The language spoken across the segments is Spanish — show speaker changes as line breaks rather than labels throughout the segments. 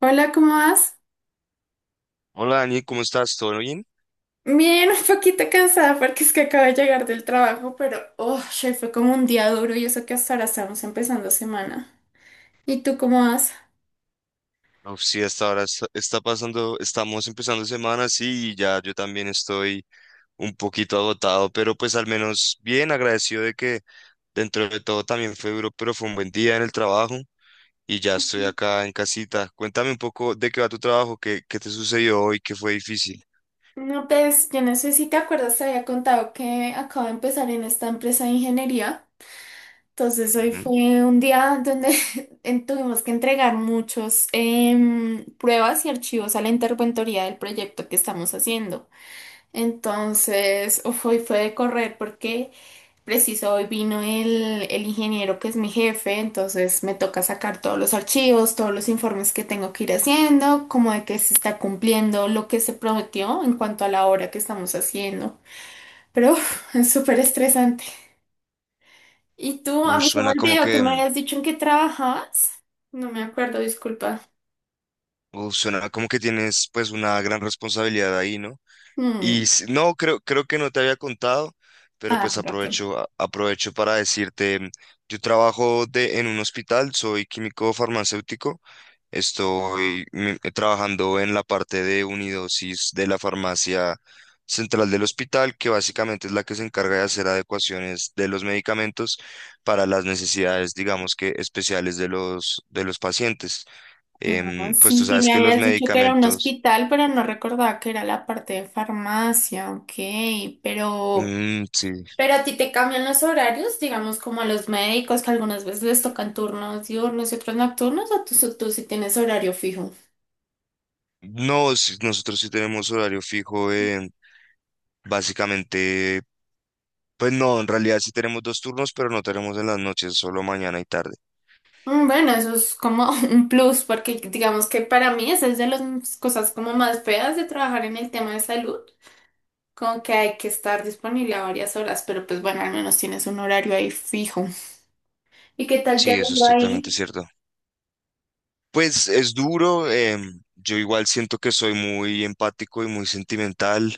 Hola, ¿cómo vas?
Hola Dani, ¿cómo estás? ¿Todo bien?
Bien, un poquito cansada porque es que acabo de llegar del trabajo, pero oh, che, fue como un día duro y eso que hasta ahora estamos empezando semana. ¿Y tú cómo vas?
Uf, sí, hasta ahora está pasando, estamos empezando semana, sí, y ya yo también estoy un poquito agotado, pero pues al menos bien agradecido de que dentro de todo también fue duro, pero fue un buen día en el trabajo y ya estoy acá en casita. Cuéntame un poco de qué va tu trabajo, qué te sucedió hoy, qué fue difícil.
No, pues yo no sé si te acuerdas, te había contado que acabo de empezar en esta empresa de ingeniería. Entonces hoy
Ujú.
fue un día donde tuvimos que entregar muchos pruebas y archivos a la interventoría del proyecto que estamos haciendo. Entonces, uf, hoy fue de correr porque preciso, hoy vino el ingeniero que es mi jefe, entonces me toca sacar todos los archivos, todos los informes que tengo que ir haciendo, como de que se está cumpliendo lo que se prometió en cuanto a la hora que estamos haciendo. Pero uf, es súper estresante. ¿Y tú? A
Uy,
mí se me
suena como
olvidó que
que,
me habías dicho en qué trabajabas. No me acuerdo, disculpa.
uf, suena como que tienes pues una gran responsabilidad ahí, ¿no? Y
Mm.
s- no, creo que no te había contado, pero
Ah,
pues
con razón.
aprovecho, aprovecho para decirte, yo trabajo de, en un hospital, soy químico farmacéutico, estoy trabajando en la parte de unidosis de la farmacia central del hospital, que básicamente es la que se encarga de hacer adecuaciones de los medicamentos para las necesidades, digamos que especiales de los, pacientes.
Ah,
Em, pues tú
sí, sí,
sabes
me
que los
habías dicho que era un
medicamentos...
hospital, pero no recordaba que era la parte de farmacia, ok, pero,
Mm, sí.
Pero a ti te cambian los horarios, digamos como a los médicos que algunas veces les tocan turnos diurnos y otros nocturnos, o tú sí tienes horario fijo.
No, sí, nosotros sí tenemos horario fijo, básicamente, pues no, en realidad sí tenemos dos turnos, pero no tenemos en las noches, solo mañana y tarde.
Mm. Bueno, eso es como un plus, porque digamos que para mí esa es de las cosas como más feas de trabajar en el tema de salud, como que hay que estar disponible a varias horas, pero pues bueno, al menos tienes un horario ahí fijo. ¿Y qué tal te ha
Sí, eso es
ido
totalmente
ahí?
cierto. Pues es duro, em, yo igual siento que soy muy empático y muy sentimental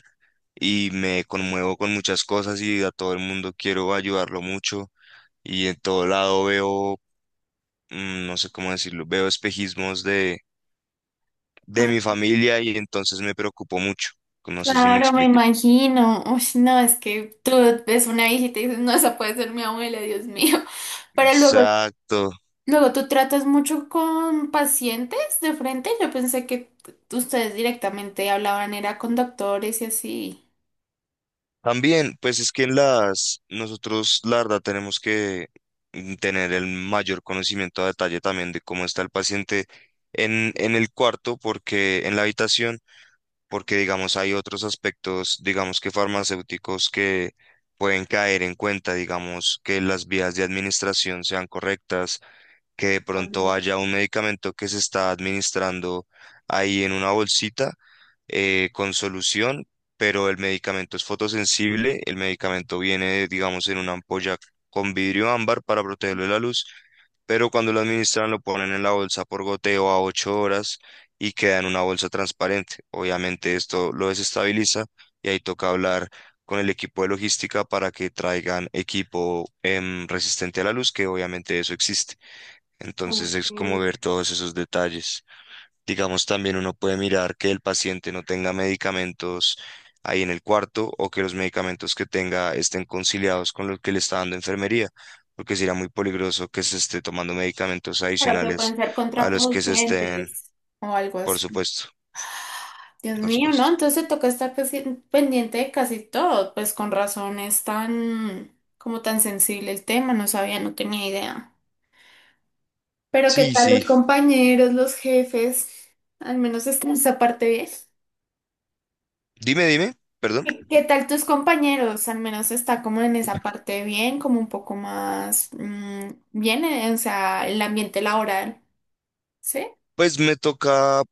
y me conmuevo con muchas cosas y a todo el mundo quiero ayudarlo mucho y en todo lado veo, no sé cómo decirlo, veo espejismos de
Ah,
mi familia y entonces me preocupo mucho. No sé si me
claro, me
explico.
imagino. Uy, no, es que tú ves una hijita y dices, no, esa puede ser mi abuela, Dios mío. Pero luego,
Exacto.
luego, ¿tú tratas mucho con pacientes de frente? Yo pensé que ustedes directamente hablaban, era con doctores y así.
También, pues es que en las, nosotros, la verdad, tenemos que tener el mayor conocimiento a detalle también de cómo está el paciente en el cuarto, porque en la habitación, porque digamos hay otros aspectos, digamos que farmacéuticos que pueden caer en cuenta, digamos que las vías de administración sean correctas, que de pronto
Claro.
haya un medicamento que se está administrando ahí en una bolsita con solución, pero el medicamento es fotosensible, el medicamento viene, digamos, en una ampolla con vidrio ámbar para protegerlo de la luz, pero cuando lo administran lo ponen en la bolsa por goteo a 8 horas y queda en una bolsa transparente. Obviamente esto lo desestabiliza y ahí toca hablar con el equipo de logística para que traigan equipo resistente a la luz, que obviamente eso existe. Entonces es como
Ok.
ver todos esos detalles. Digamos, también uno puede mirar que el paciente no tenga medicamentos ahí en el cuarto o que los medicamentos que tenga estén conciliados con los que le está dando enfermería, porque sería muy peligroso que se esté tomando medicamentos
Pero que pueden
adicionales
ser
a los que se estén,
contraproducentes o algo
por
así.
supuesto,
Dios
por
mío, ¿no?
supuesto.
Entonces te toca estar casi, pendiente de casi todo, pues con razón es tan, como tan sensible el tema, no sabía, no tenía idea. Pero ¿qué
Sí,
tal los
sí.
compañeros, los jefes? Al menos está esa parte bien.
Dime, dime, perdón.
¿Qué tal tus compañeros? Al menos está como en esa parte bien, como un poco más bien, o sea, el ambiente laboral. Sí,
Pues me toca,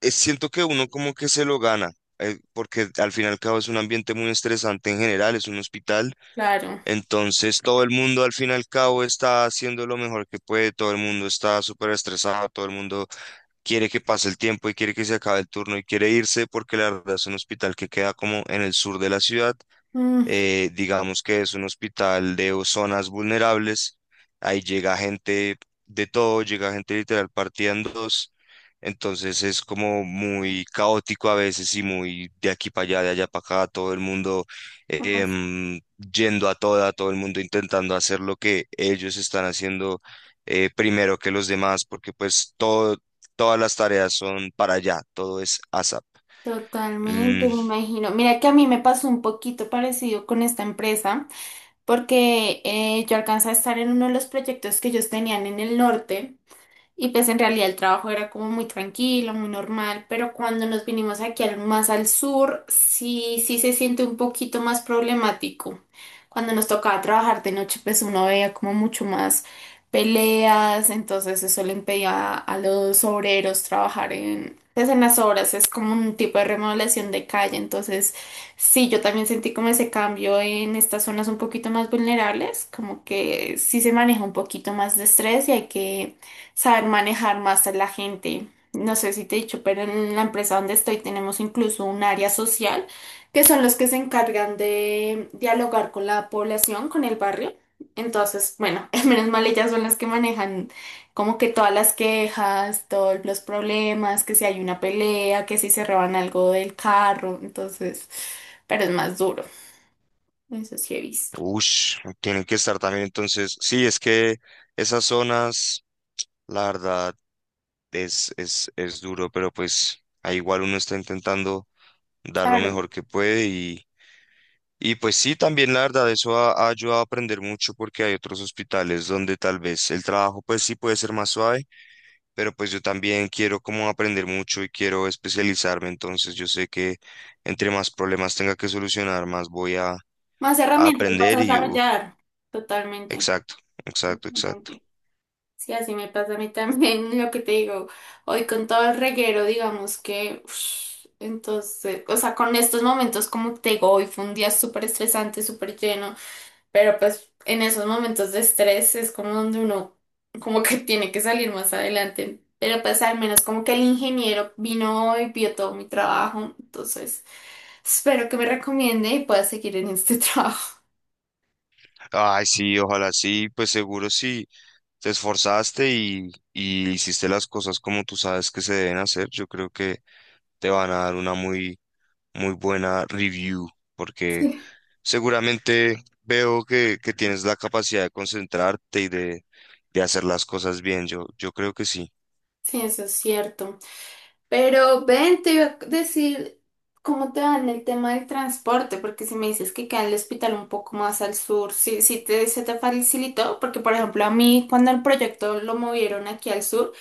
siento que uno como que se lo gana, porque al fin y al cabo es un ambiente muy estresante en general, es un hospital.
claro.
Entonces todo el mundo al fin y al cabo está haciendo lo mejor que puede, todo el mundo está súper estresado, todo el mundo quiere que pase el tiempo y quiere que se acabe el turno y quiere irse porque la verdad es un hospital que queda como en el sur de la ciudad,
Mm,
digamos que es un hospital de o- zonas vulnerables, ahí llega gente de todo, llega gente literal partida en dos, entonces es como muy caótico a veces y muy de aquí para allá, de allá para acá, todo el mundo
ay,
em, yendo a toda, todo el mundo intentando hacer lo que ellos están haciendo primero que los demás, porque pues todo, todas las tareas son para allá, todo es ASAP.
totalmente,
Mm.
me imagino. Mira que a mí me pasó un poquito parecido con esta empresa, porque yo alcancé a estar en uno de los proyectos que ellos tenían en el norte. Y pues en realidad el trabajo era como muy tranquilo, muy normal, pero cuando nos vinimos aquí al, más al sur, sí, sí se siente un poquito más problemático. Cuando nos tocaba trabajar de noche, pues uno veía como mucho más peleas, entonces eso le impedía a los obreros trabajar en, pues en las obras, es como un tipo de remodelación de calle, entonces sí, yo también sentí como ese cambio en estas zonas un poquito más vulnerables, como que sí se maneja un poquito más de estrés y hay que saber manejar más a la gente. No sé si te he dicho, pero en la empresa donde estoy tenemos incluso un área social, que son los que se encargan de dialogar con la población, con el barrio. Entonces, bueno, menos mal ellas son las que manejan como que todas las quejas, todos los problemas, que si hay una pelea, que si se roban algo del carro, entonces, pero es más duro, eso sí he visto.
Ush, tienen que estar también entonces. Sí, es que esas zonas, la verdad, es duro, pero pues ahí igual uno está intentando dar lo
Claro.
mejor que puede y pues sí, también la verdad, eso ha ayudado a aprender mucho porque hay otros hospitales donde tal vez el trabajo pues sí puede ser más suave, pero pues yo también quiero como aprender mucho y quiero especializarme, entonces yo sé que entre más problemas tenga que solucionar, más voy
Más
a
herramientas vas a
aprender y, uf,
desarrollar, totalmente.
exacto, exacto, exacto.
Totalmente. Sí, así me pasa a mí también, lo que te digo, hoy con todo el reguero, digamos que, ush, entonces, o sea, con estos momentos, como te digo, hoy fue un día súper estresante, súper lleno, pero pues en esos momentos de estrés es como donde uno, como que tiene que salir más adelante, pero pues al menos como que el ingeniero vino hoy, vio todo mi trabajo, entonces, espero que me recomiende y pueda seguir en este trabajo.
Ay, sí, ojalá sí, pues seguro si te esforzaste y hiciste las cosas como tú sabes que se deben hacer, yo creo que te van a dar una muy, muy buena review, porque seguramente veo que tienes la capacidad de concentrarte y de hacer las cosas bien, yo creo que sí.
Sí, eso es cierto. Pero ven, te iba a decir cómo te va en el tema del transporte, porque si me dices que queda en el hospital un poco más al sur, sí, sí se te facilitó, porque por ejemplo a mí cuando el proyecto lo movieron aquí al sur,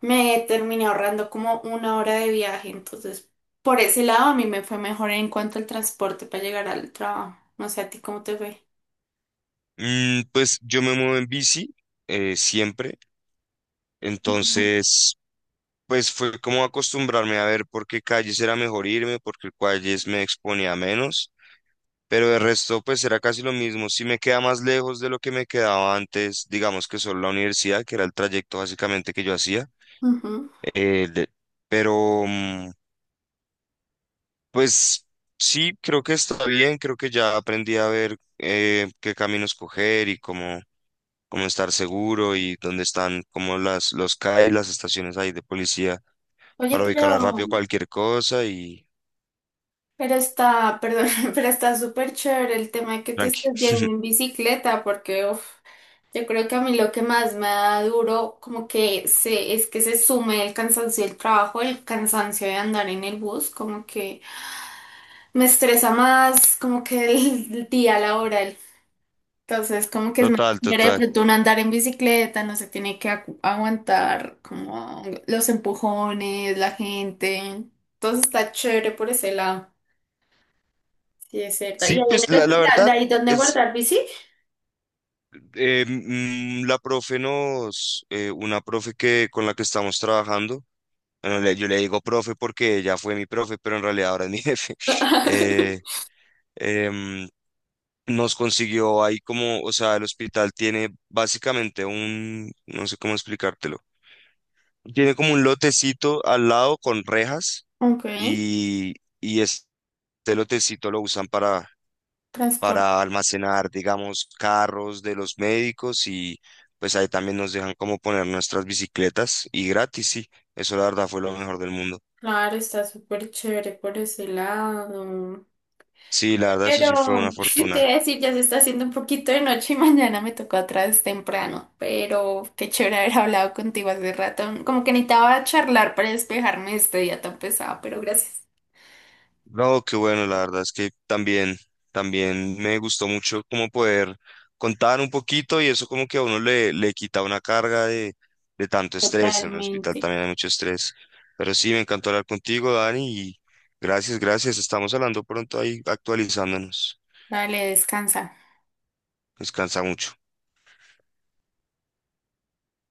me terminé ahorrando como una hora de viaje, entonces por ese lado a mí me fue mejor en cuanto al transporte para llegar al trabajo. No sé, a ti cómo te fue.
Mm, pues yo me muevo en bici, siempre,
Ujú.
entonces... Pues fue como acostumbrarme a ver por qué calles era mejor irme, por qué calles me exponía menos. Pero de resto, pues era casi lo mismo. Si me queda más lejos de lo que me quedaba antes, digamos que solo la universidad, que era el trayecto básicamente que yo hacía.
Ujú.
De- pero, mm, pues sí, creo que está bien, creo que ya aprendí a ver qué caminos coger y cómo, cómo estar seguro y dónde están como las, los CAE, las estaciones ahí de policía
Oye,
para ubicar
pero
rápido cualquier cosa y
Pero está, perdón, pero está súper chévere el tema de que te
tranqui.
estés yendo en bicicleta, porque uf, yo creo que a mí lo que más me da duro como que se, es que se sume el cansancio del trabajo, el cansancio de andar en el bus, como que me estresa más como que el día laboral. Entonces, como que es más
Total,
chévere de
total.
pronto uno andar en bicicleta, no se tiene que aguantar como los empujones, la gente. Entonces está chévere por ese lado. Sí, es cierto. Y ahí
Sí, pues
en el
la
hospital, de
verdad.
ahí donde
Es
guardar bici.
eh, la profe nos, una profe que con la que estamos trabajando, bueno, le- yo le digo profe porque ella fue mi profe, pero en realidad ahora es mi jefe, eh, em, nos consiguió ahí como, o sea, el hospital tiene básicamente un, no sé cómo explicártelo, tiene como un lotecito al lado con rejas
Ok,
y, y este lotecito lo usan
transporte.
para almacenar, digamos, carros de los médicos y pues ahí también nos dejan como poner nuestras bicicletas y gratis, sí. Eso la verdad fue lo mejor del mundo.
Claro, está súper chévere por ese lado.
Sí, la verdad eso sí fue
Pero
una
te
fortuna.
voy a decir, ya se está haciendo un poquito de noche y mañana me tocó atrás temprano. Pero qué chévere haber hablado contigo hace rato. Como que necesitaba charlar para despejarme de este día tan pesado, pero gracias.
No, qué bueno, la verdad es que también me gustó mucho como poder contar un poquito y eso como que a uno le quita una carga de tanto estrés. En el hospital
Totalmente.
también hay mucho estrés. Pero sí, me encantó hablar contigo, Dani, y gracias, gracias. Estamos hablando pronto ahí, actualizándonos.
Dale, descansa.
Descansa mucho.